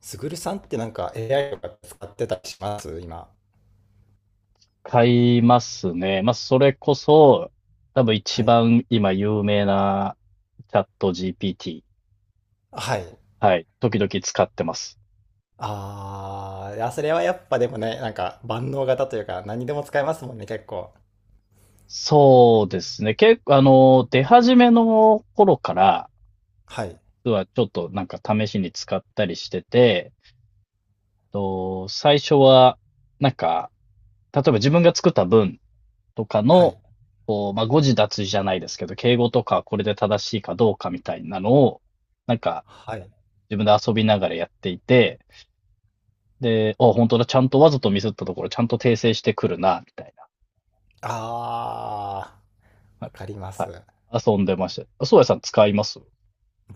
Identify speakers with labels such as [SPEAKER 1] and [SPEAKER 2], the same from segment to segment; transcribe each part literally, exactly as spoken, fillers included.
[SPEAKER 1] すぐるさんってなんか エーアイ とか使ってたりします今？
[SPEAKER 2] 買いますね。まあ、それこそ、多分一
[SPEAKER 1] はい。
[SPEAKER 2] 番今有名なチャット ジーピーティー。
[SPEAKER 1] はい。
[SPEAKER 2] はい。時々使ってます。
[SPEAKER 1] ああ、いや、それはやっぱでもね、なんか万能型というか何でも使えますもんね、結構。
[SPEAKER 2] そうですね。結構、あの、出始めの頃から、
[SPEAKER 1] はい。
[SPEAKER 2] 実はちょっとなんか試しに使ったりしてて、と、最初は、なんか、例えば自分が作った文とか
[SPEAKER 1] は
[SPEAKER 2] の、
[SPEAKER 1] い。
[SPEAKER 2] こう、まあ、誤字脱字じゃないですけど、敬語とかこれで正しいかどうかみたいなのを、なんか、
[SPEAKER 1] はい。
[SPEAKER 2] 自分で遊びながらやっていて、で、あ、本当だ、ちゃんとわざとミスったところ、ちゃんと訂正してくるな、みたいな。
[SPEAKER 1] ああ、
[SPEAKER 2] は
[SPEAKER 1] わ
[SPEAKER 2] い。
[SPEAKER 1] かりま
[SPEAKER 2] は
[SPEAKER 1] す。
[SPEAKER 2] い、遊んでました。あ、そうやさん使います？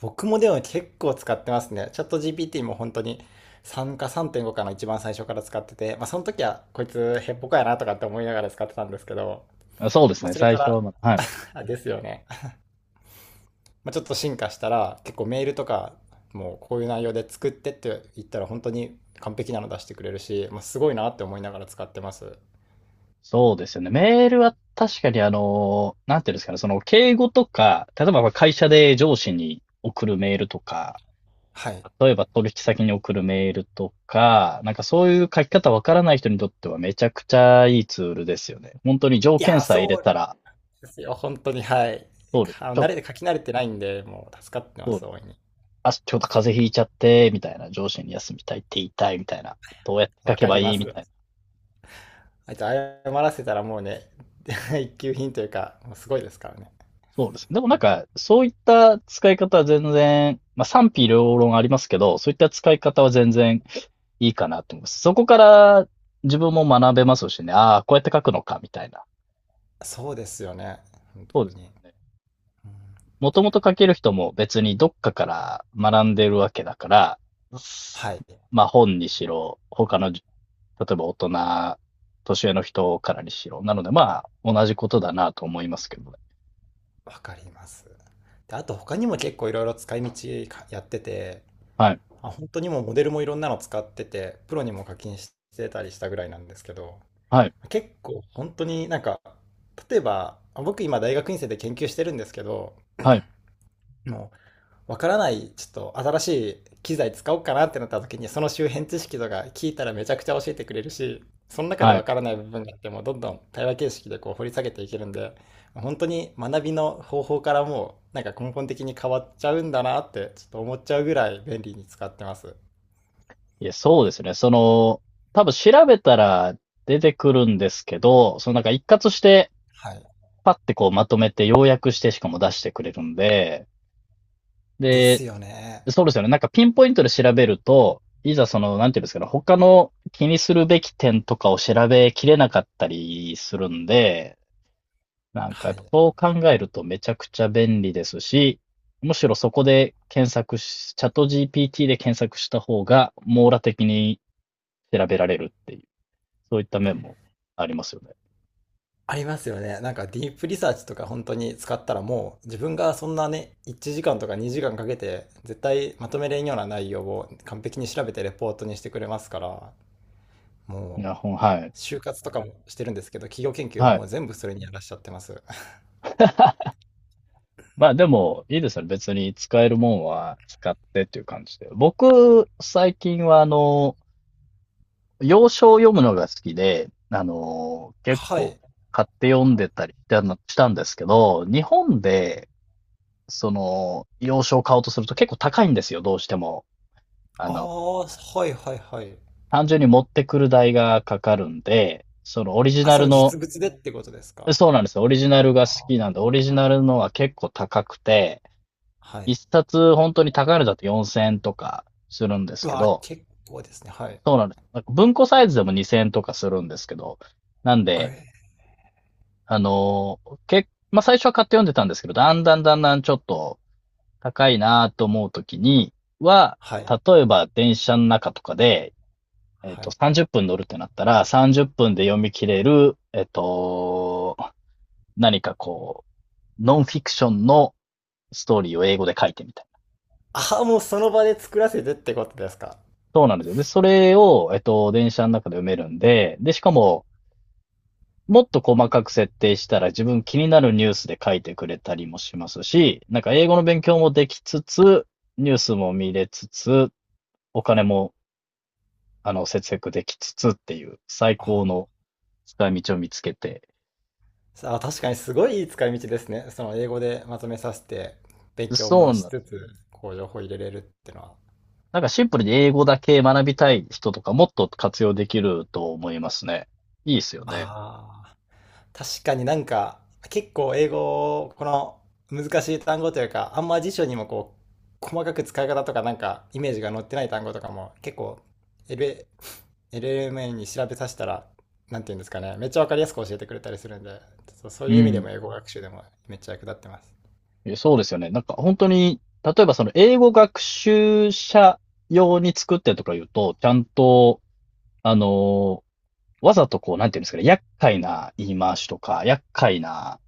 [SPEAKER 1] 僕もでも結構使ってますね。チャット ジーピーティー も本当にさんかさんてんごかの一番最初から使ってて、まあその時はこいつヘッポコやなとかって思いながら使ってたんですけど、
[SPEAKER 2] あ、そうです
[SPEAKER 1] まあ
[SPEAKER 2] ね、
[SPEAKER 1] それか
[SPEAKER 2] 最初は
[SPEAKER 1] ら、
[SPEAKER 2] まだ、はい。
[SPEAKER 1] あ、ですよね。まあ、ちょっと進化したら結構メールとかもうこういう内容で作ってって言ったら本当に完璧なの出してくれるし、まあ、すごいなって思いながら使ってます。
[SPEAKER 2] そうですよね。メールは確かにあの、なんていうんですかね、その敬語とか、例えば会社で上司に送るメールとか、
[SPEAKER 1] はい。
[SPEAKER 2] 例えば取引先に送るメールとか、なんかそういう書き方わからない人にとってはめちゃくちゃいいツールですよね。本当に条
[SPEAKER 1] い
[SPEAKER 2] 件
[SPEAKER 1] やー、
[SPEAKER 2] さえ入れ
[SPEAKER 1] そうな
[SPEAKER 2] た
[SPEAKER 1] ん
[SPEAKER 2] ら、
[SPEAKER 1] ですよ。本当に、はい。
[SPEAKER 2] そうです。
[SPEAKER 1] あ
[SPEAKER 2] ちょ
[SPEAKER 1] の慣
[SPEAKER 2] っ
[SPEAKER 1] れて
[SPEAKER 2] と、
[SPEAKER 1] 書き慣れてないんで、もう助かってま
[SPEAKER 2] そう
[SPEAKER 1] す、
[SPEAKER 2] です。
[SPEAKER 1] 大いに。
[SPEAKER 2] あ、ちょっと風邪ひいちゃって、みたいな、上司に休みたいって言いたい、みたいな、どうやって書
[SPEAKER 1] わ
[SPEAKER 2] け
[SPEAKER 1] か
[SPEAKER 2] ば
[SPEAKER 1] り
[SPEAKER 2] い
[SPEAKER 1] ま
[SPEAKER 2] い、
[SPEAKER 1] す。
[SPEAKER 2] みたいな。
[SPEAKER 1] あいつ謝らせたらもうね、一級品というか、もうすごいですからね。
[SPEAKER 2] そうですね。でもなんか、そういった使い方は全然、まあ賛否両論ありますけど、そういった使い方は全然いいかなと思います。そこから自分も学べますしね、ああ、こうやって書くのか、みたいな。
[SPEAKER 1] そうですよね。本
[SPEAKER 2] そうで
[SPEAKER 1] 当
[SPEAKER 2] す
[SPEAKER 1] に。
[SPEAKER 2] よね。
[SPEAKER 1] うん、
[SPEAKER 2] もともと書ける人も別にどっかから学んでるわけだから、
[SPEAKER 1] はい。
[SPEAKER 2] まあ本にしろ、他の例えば大人、年上の人からにしろ。なので、まあ、同じことだなと思いますけどね。
[SPEAKER 1] わかります。で、あと他にも結構いろいろ使い道かやってて、
[SPEAKER 2] はい。
[SPEAKER 1] あ、本当にもうモデルもいろんなの使ってて、プロにも課金してたりしたぐらいなんですけど、
[SPEAKER 2] はい。
[SPEAKER 1] 結構本当になんか、例えば、あ僕今大学院生で研究してるんですけど、
[SPEAKER 2] はい。
[SPEAKER 1] もうわからない、ちょっと新しい機材使おうかなってなった時に、その周辺知識とか聞いたらめちゃくちゃ教えてくれるし、その中で
[SPEAKER 2] は
[SPEAKER 1] わ
[SPEAKER 2] い。
[SPEAKER 1] からない部分があっても、どんどん対話形式でこう掘り下げていけるんで、本当に学びの方法からもうなんか根本的に変わっちゃうんだなって、ちょっと思っちゃうぐらい便利に使ってます。
[SPEAKER 2] いや、そうですね。その、多分調べたら出てくるんですけど、そのなんか一括して、
[SPEAKER 1] はい。
[SPEAKER 2] パッてこうまとめて要約してしかも出してくれるんで、
[SPEAKER 1] で
[SPEAKER 2] で、
[SPEAKER 1] すよね。
[SPEAKER 2] そうですよね。なんかピンポイントで調べると、いざその、なんていうんですかね、他の気にするべき点とかを調べきれなかったりするんで、なんかや
[SPEAKER 1] は
[SPEAKER 2] っぱ
[SPEAKER 1] い。
[SPEAKER 2] そう考えるとめちゃくちゃ便利ですし、むしろそこで検索し、チャット ジーピーティー で検索した方が網羅的に調べられるっていう、そういった面もありますよね。
[SPEAKER 1] ありますよね。なんかディープリサーチとか本当に使ったらもう自分がそんなね、いちじかんとかにじかんかけて絶対まとめれんような内容を完璧に調べてレポートにしてくれますから、
[SPEAKER 2] い
[SPEAKER 1] も
[SPEAKER 2] や、
[SPEAKER 1] う
[SPEAKER 2] ほん、はい。
[SPEAKER 1] 就活とかもしてるんですけど、企業研究も
[SPEAKER 2] は
[SPEAKER 1] も
[SPEAKER 2] い。
[SPEAKER 1] う全部それにやらしちゃってます。
[SPEAKER 2] まあでも、いいですよね。別に使えるもんは使ってっていう感じで。僕、最近はあの、洋書を読むのが好きで、あの、結
[SPEAKER 1] は
[SPEAKER 2] 構
[SPEAKER 1] い。
[SPEAKER 2] 買って読んでたりしたのしたんですけど、日本でその、洋書を買おうとすると結構高いんですよ、どうしても。あ
[SPEAKER 1] あ
[SPEAKER 2] の、
[SPEAKER 1] あ、はいはいはい。
[SPEAKER 2] 単純に持ってくる代がかかるんで、そのオリジ
[SPEAKER 1] あ、
[SPEAKER 2] ナ
[SPEAKER 1] そ
[SPEAKER 2] ル
[SPEAKER 1] の
[SPEAKER 2] の、
[SPEAKER 1] 実物でってことですか？
[SPEAKER 2] そうなんですよ、オリジナルが好きなんで、オリジナルのは結構高くて、
[SPEAKER 1] はい。
[SPEAKER 2] 一冊本当に高いのだとよんせんえんとかするんです
[SPEAKER 1] う
[SPEAKER 2] け
[SPEAKER 1] わあ、
[SPEAKER 2] ど、
[SPEAKER 1] 結構ですね。はい。
[SPEAKER 2] そうなんですよ。なんか文庫サイズでもにせんえんとかするんですけど、なん
[SPEAKER 1] あ
[SPEAKER 2] で、
[SPEAKER 1] れ
[SPEAKER 2] あの、け、まあ、最初は買って読んでたんですけど、だんだんだんだんちょっと、高いなと思うときには、
[SPEAKER 1] はい。
[SPEAKER 2] 例えば電車の中とかで、えっ
[SPEAKER 1] は
[SPEAKER 2] と、
[SPEAKER 1] い。
[SPEAKER 2] さんじゅっぷん乗るってなったら、さんじゅっぷんで読み切れる、えっと、何かこう、ノンフィクションのストーリーを英語で書いてみたいな。
[SPEAKER 1] ああ、もうその場で作らせてってことですか？
[SPEAKER 2] そうなんですよ。で、それを、えっと、電車の中で読めるんで、で、しかも、もっと細かく設定したら自分気になるニュースで書いてくれたりもしますし、なんか英語の勉強もできつつ、ニュースも見れつつ、お金もあの、節約できつつっていう最
[SPEAKER 1] あ
[SPEAKER 2] 高
[SPEAKER 1] あ、
[SPEAKER 2] の使い道を見つけて。
[SPEAKER 1] さあ、確かにすごいいい使い道ですね。その英語でまとめさせて、勉強
[SPEAKER 2] そ
[SPEAKER 1] も
[SPEAKER 2] うなん
[SPEAKER 1] し
[SPEAKER 2] で
[SPEAKER 1] つ
[SPEAKER 2] すよ。
[SPEAKER 1] つ、こう情報入れれるってのは。
[SPEAKER 2] なんかシンプルに英語だけ学びたい人とかもっと活用できると思いますね。いいですよね。
[SPEAKER 1] ああ、確かになんか、結構英語を、この難しい単語というか、あんま辞書にもこう、細かく使い方とかなんか、イメージが載ってない単語とかも、結構、エルエー、エルエルエム に調べさせたら、なんていうんですかね、めっちゃわかりやすく教えてくれたりするんで、そう、そう
[SPEAKER 2] う
[SPEAKER 1] いう意味で
[SPEAKER 2] ん。
[SPEAKER 1] も英語学習でもめっちゃ役立ってます。
[SPEAKER 2] え、そうですよね。なんか本当に、例えばその英語学習者用に作ってとか言うと、ちゃんと、あの、わざとこう、なんていうんですかね、厄介な言い回しとか、厄介な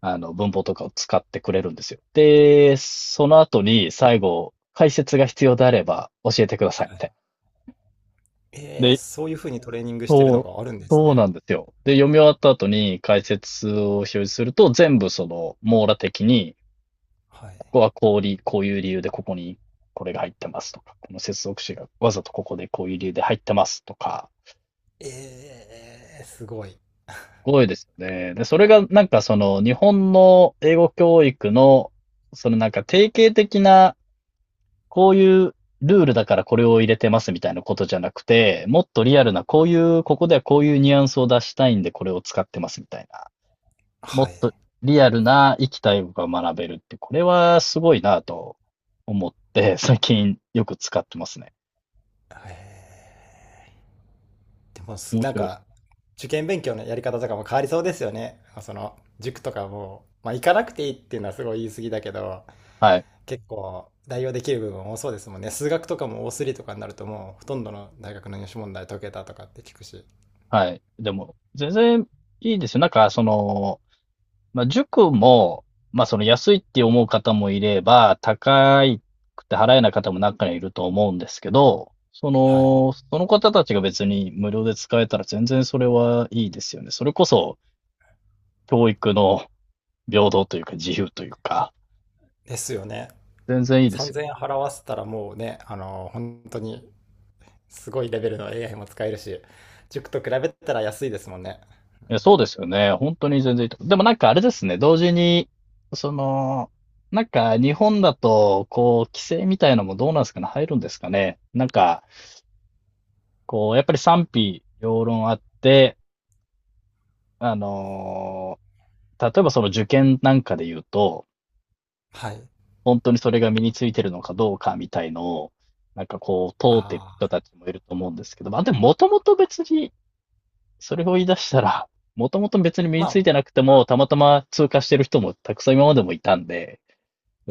[SPEAKER 2] あの、文法とかを使ってくれるんですよ。で、その後に最後、解説が必要であれば教えてください、みたいな。
[SPEAKER 1] えー、
[SPEAKER 2] で、
[SPEAKER 1] そういうふうにトレーニングしてる
[SPEAKER 2] そ
[SPEAKER 1] の
[SPEAKER 2] う、
[SPEAKER 1] があるんです
[SPEAKER 2] そう
[SPEAKER 1] ね。
[SPEAKER 2] なんですよ。で、読み終わった後に解説を表示すると、全部その、網羅的に、
[SPEAKER 1] はい。
[SPEAKER 2] ここはこうり、こういう理由でここにこれが入ってますとか、この接続詞がわざとここでこういう理由で入ってますとか、
[SPEAKER 1] ええすごい。
[SPEAKER 2] すごいですよね。で、それがなんかその、日本の英語教育の、そのなんか定型的なこういうルールだからこれを入れてますみたいなことじゃなくて、もっとリアルな、こういう、ここではこういうニュアンスを出したいんでこれを使ってますみたいな。も
[SPEAKER 1] は
[SPEAKER 2] っ
[SPEAKER 1] い。
[SPEAKER 2] とリアルな生きた英語が学べるって、これはすごいなと思って、最近よく使ってますね。
[SPEAKER 1] はい。でもす、
[SPEAKER 2] 面
[SPEAKER 1] なん
[SPEAKER 2] 白いです。
[SPEAKER 1] か、受験勉強のやり方とかも変わりそうですよね。その、塾とかも、まあ、行かなくていいっていうのはすごい言い過ぎだけど、
[SPEAKER 2] はい。
[SPEAKER 1] 結構代用できる部分も多そうですもんね。数学とかもすりとかになるともう、ほとんどの大学の入試問題解けたとかって聞くし。
[SPEAKER 2] はい。でも、全然いいですよ。なんか、その、まあ、塾も、まあ、その安いって思う方もいれば、高くて払えない方も中にはいると思うんですけど、そ
[SPEAKER 1] はい。
[SPEAKER 2] の、その方たちが別に無料で使えたら全然それはいいですよね。それこそ教育の平等というか自由というか、
[SPEAKER 1] ですよね。
[SPEAKER 2] 全然いいですよね。
[SPEAKER 1] さんぜんえん払わせたらもうね、あの、本当にすごいレベルの エーアイ も使えるし、塾と比べたら安いですもんね。
[SPEAKER 2] いや、そうですよね。本当に全然いいと思う。でもなんかあれですね、同時に、その、なんか日本だと、こう、規制みたいなのもどうなんですかね、入るんですかね。なんか、こう、やっぱり賛否両論あって、あのー例えばその受験なんかで言うと、
[SPEAKER 1] はい。
[SPEAKER 2] 本当にそれが身についてるのかどうかみたいのを、なんかこう、問うてる
[SPEAKER 1] あ
[SPEAKER 2] 人
[SPEAKER 1] あ。
[SPEAKER 2] たちもいると思うんですけど、まあでももともと別に、それを言い出したら、もともと別に身
[SPEAKER 1] ま
[SPEAKER 2] につい
[SPEAKER 1] あ、
[SPEAKER 2] てなくても、たまたま通過してる人もたくさん今までもいたんで、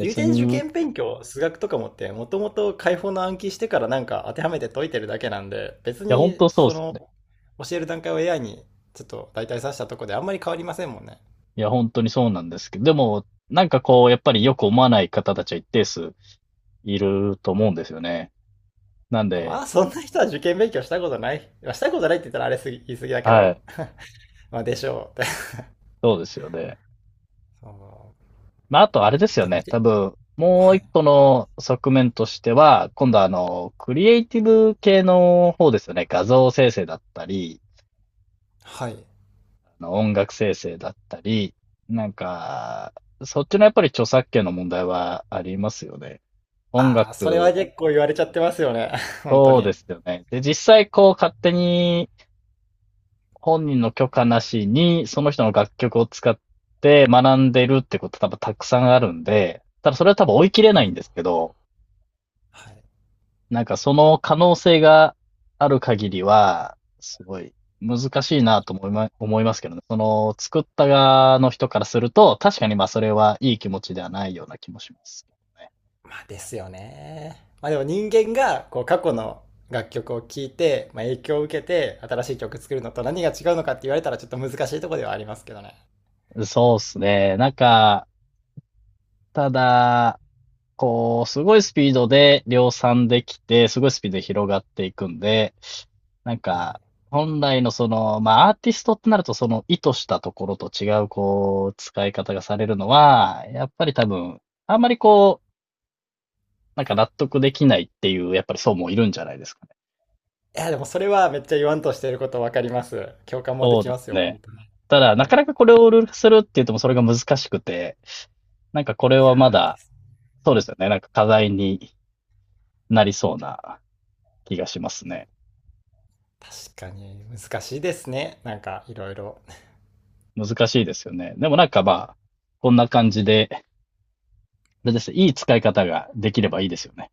[SPEAKER 1] 有点受
[SPEAKER 2] に、い
[SPEAKER 1] 験勉強、数学とかもって、もともと解放の暗記してからなんか当てはめて解いてるだけなんで、別
[SPEAKER 2] や、本
[SPEAKER 1] に
[SPEAKER 2] 当そう
[SPEAKER 1] そ
[SPEAKER 2] ですよ
[SPEAKER 1] の
[SPEAKER 2] ね。
[SPEAKER 1] 教える段階を エーアイ にちょっと代替させたとこであんまり変わりませんもんね。
[SPEAKER 2] いや、本当にそうなんですけど、でも、なんかこう、やっぱりよく思わない方たちは一定数いると思うんですよね。なんで、
[SPEAKER 1] まあ、そんな人は受験勉強したことない。まあしたことないって言ったらあれすぎ、言い過ぎだけ
[SPEAKER 2] は
[SPEAKER 1] ど、
[SPEAKER 2] い。
[SPEAKER 1] まあでしょうって。
[SPEAKER 2] そうですよね。
[SPEAKER 1] そ
[SPEAKER 2] まあ、あとあれです
[SPEAKER 1] う
[SPEAKER 2] よ
[SPEAKER 1] でも、
[SPEAKER 2] ね。多
[SPEAKER 1] け
[SPEAKER 2] 分、もう
[SPEAKER 1] は
[SPEAKER 2] 一
[SPEAKER 1] い。
[SPEAKER 2] 個の側面としては、今度はあの、クリエイティブ系の方ですよね。画像生成だったり、
[SPEAKER 1] はい。
[SPEAKER 2] あの音楽生成だったり、なんか、そっちのやっぱり著作権の問題はありますよね。音
[SPEAKER 1] ああ、それは
[SPEAKER 2] 楽、
[SPEAKER 1] 結構言われちゃってますよね。本当
[SPEAKER 2] そうで
[SPEAKER 1] に。
[SPEAKER 2] すよね。で、実際こう勝手に本人の許可なしに、その人の楽曲を使って学んでるってこと多分たくさんあるんで、ただそれは多分追い切れな
[SPEAKER 1] は
[SPEAKER 2] いんで
[SPEAKER 1] い。
[SPEAKER 2] すけど、
[SPEAKER 1] はい。
[SPEAKER 2] なんかその可能性がある限りは、すごい難しいなと思いま、思いますけどね。その作った側の人からすると、確かにまあそれはいい気持ちではないような気もしますけ
[SPEAKER 1] まあですよね。まあでも人間がこう過去の楽曲を聴いて、まあ、影響を受けて新しい曲作るのと何が違うのかって言われたらちょっと難しいところではありますけどね。
[SPEAKER 2] どね。そうですね。なんか、ただ、こう、すごいスピードで量産できて、すごいスピードで広がっていくんで、なん
[SPEAKER 1] はい。
[SPEAKER 2] か、本来のその、まあ、アーティストってなると、その意図したところと違う、こう、使い方がされるのは、やっぱり多分、あんまりこう、なんか納得できないっていう、やっぱり層もいるんじゃないですかね。
[SPEAKER 1] いやでもそれはめっちゃ言わんとしていることわかります。共感もできますよ、本
[SPEAKER 2] ね。
[SPEAKER 1] 当に。
[SPEAKER 2] ただ、な
[SPEAKER 1] は
[SPEAKER 2] か
[SPEAKER 1] い。
[SPEAKER 2] なかこれをルール化するって言ってもそれが難しくて、なんかこれ
[SPEAKER 1] いや
[SPEAKER 2] はまだ、そうですよね。なんか課題になりそうな気がしますね。
[SPEAKER 1] ー確かに難しいですね。なんかいろいろ。
[SPEAKER 2] 難しいですよね。でもなんかまあ、こんな感じで、あれですね、いい使い方ができればいいですよね。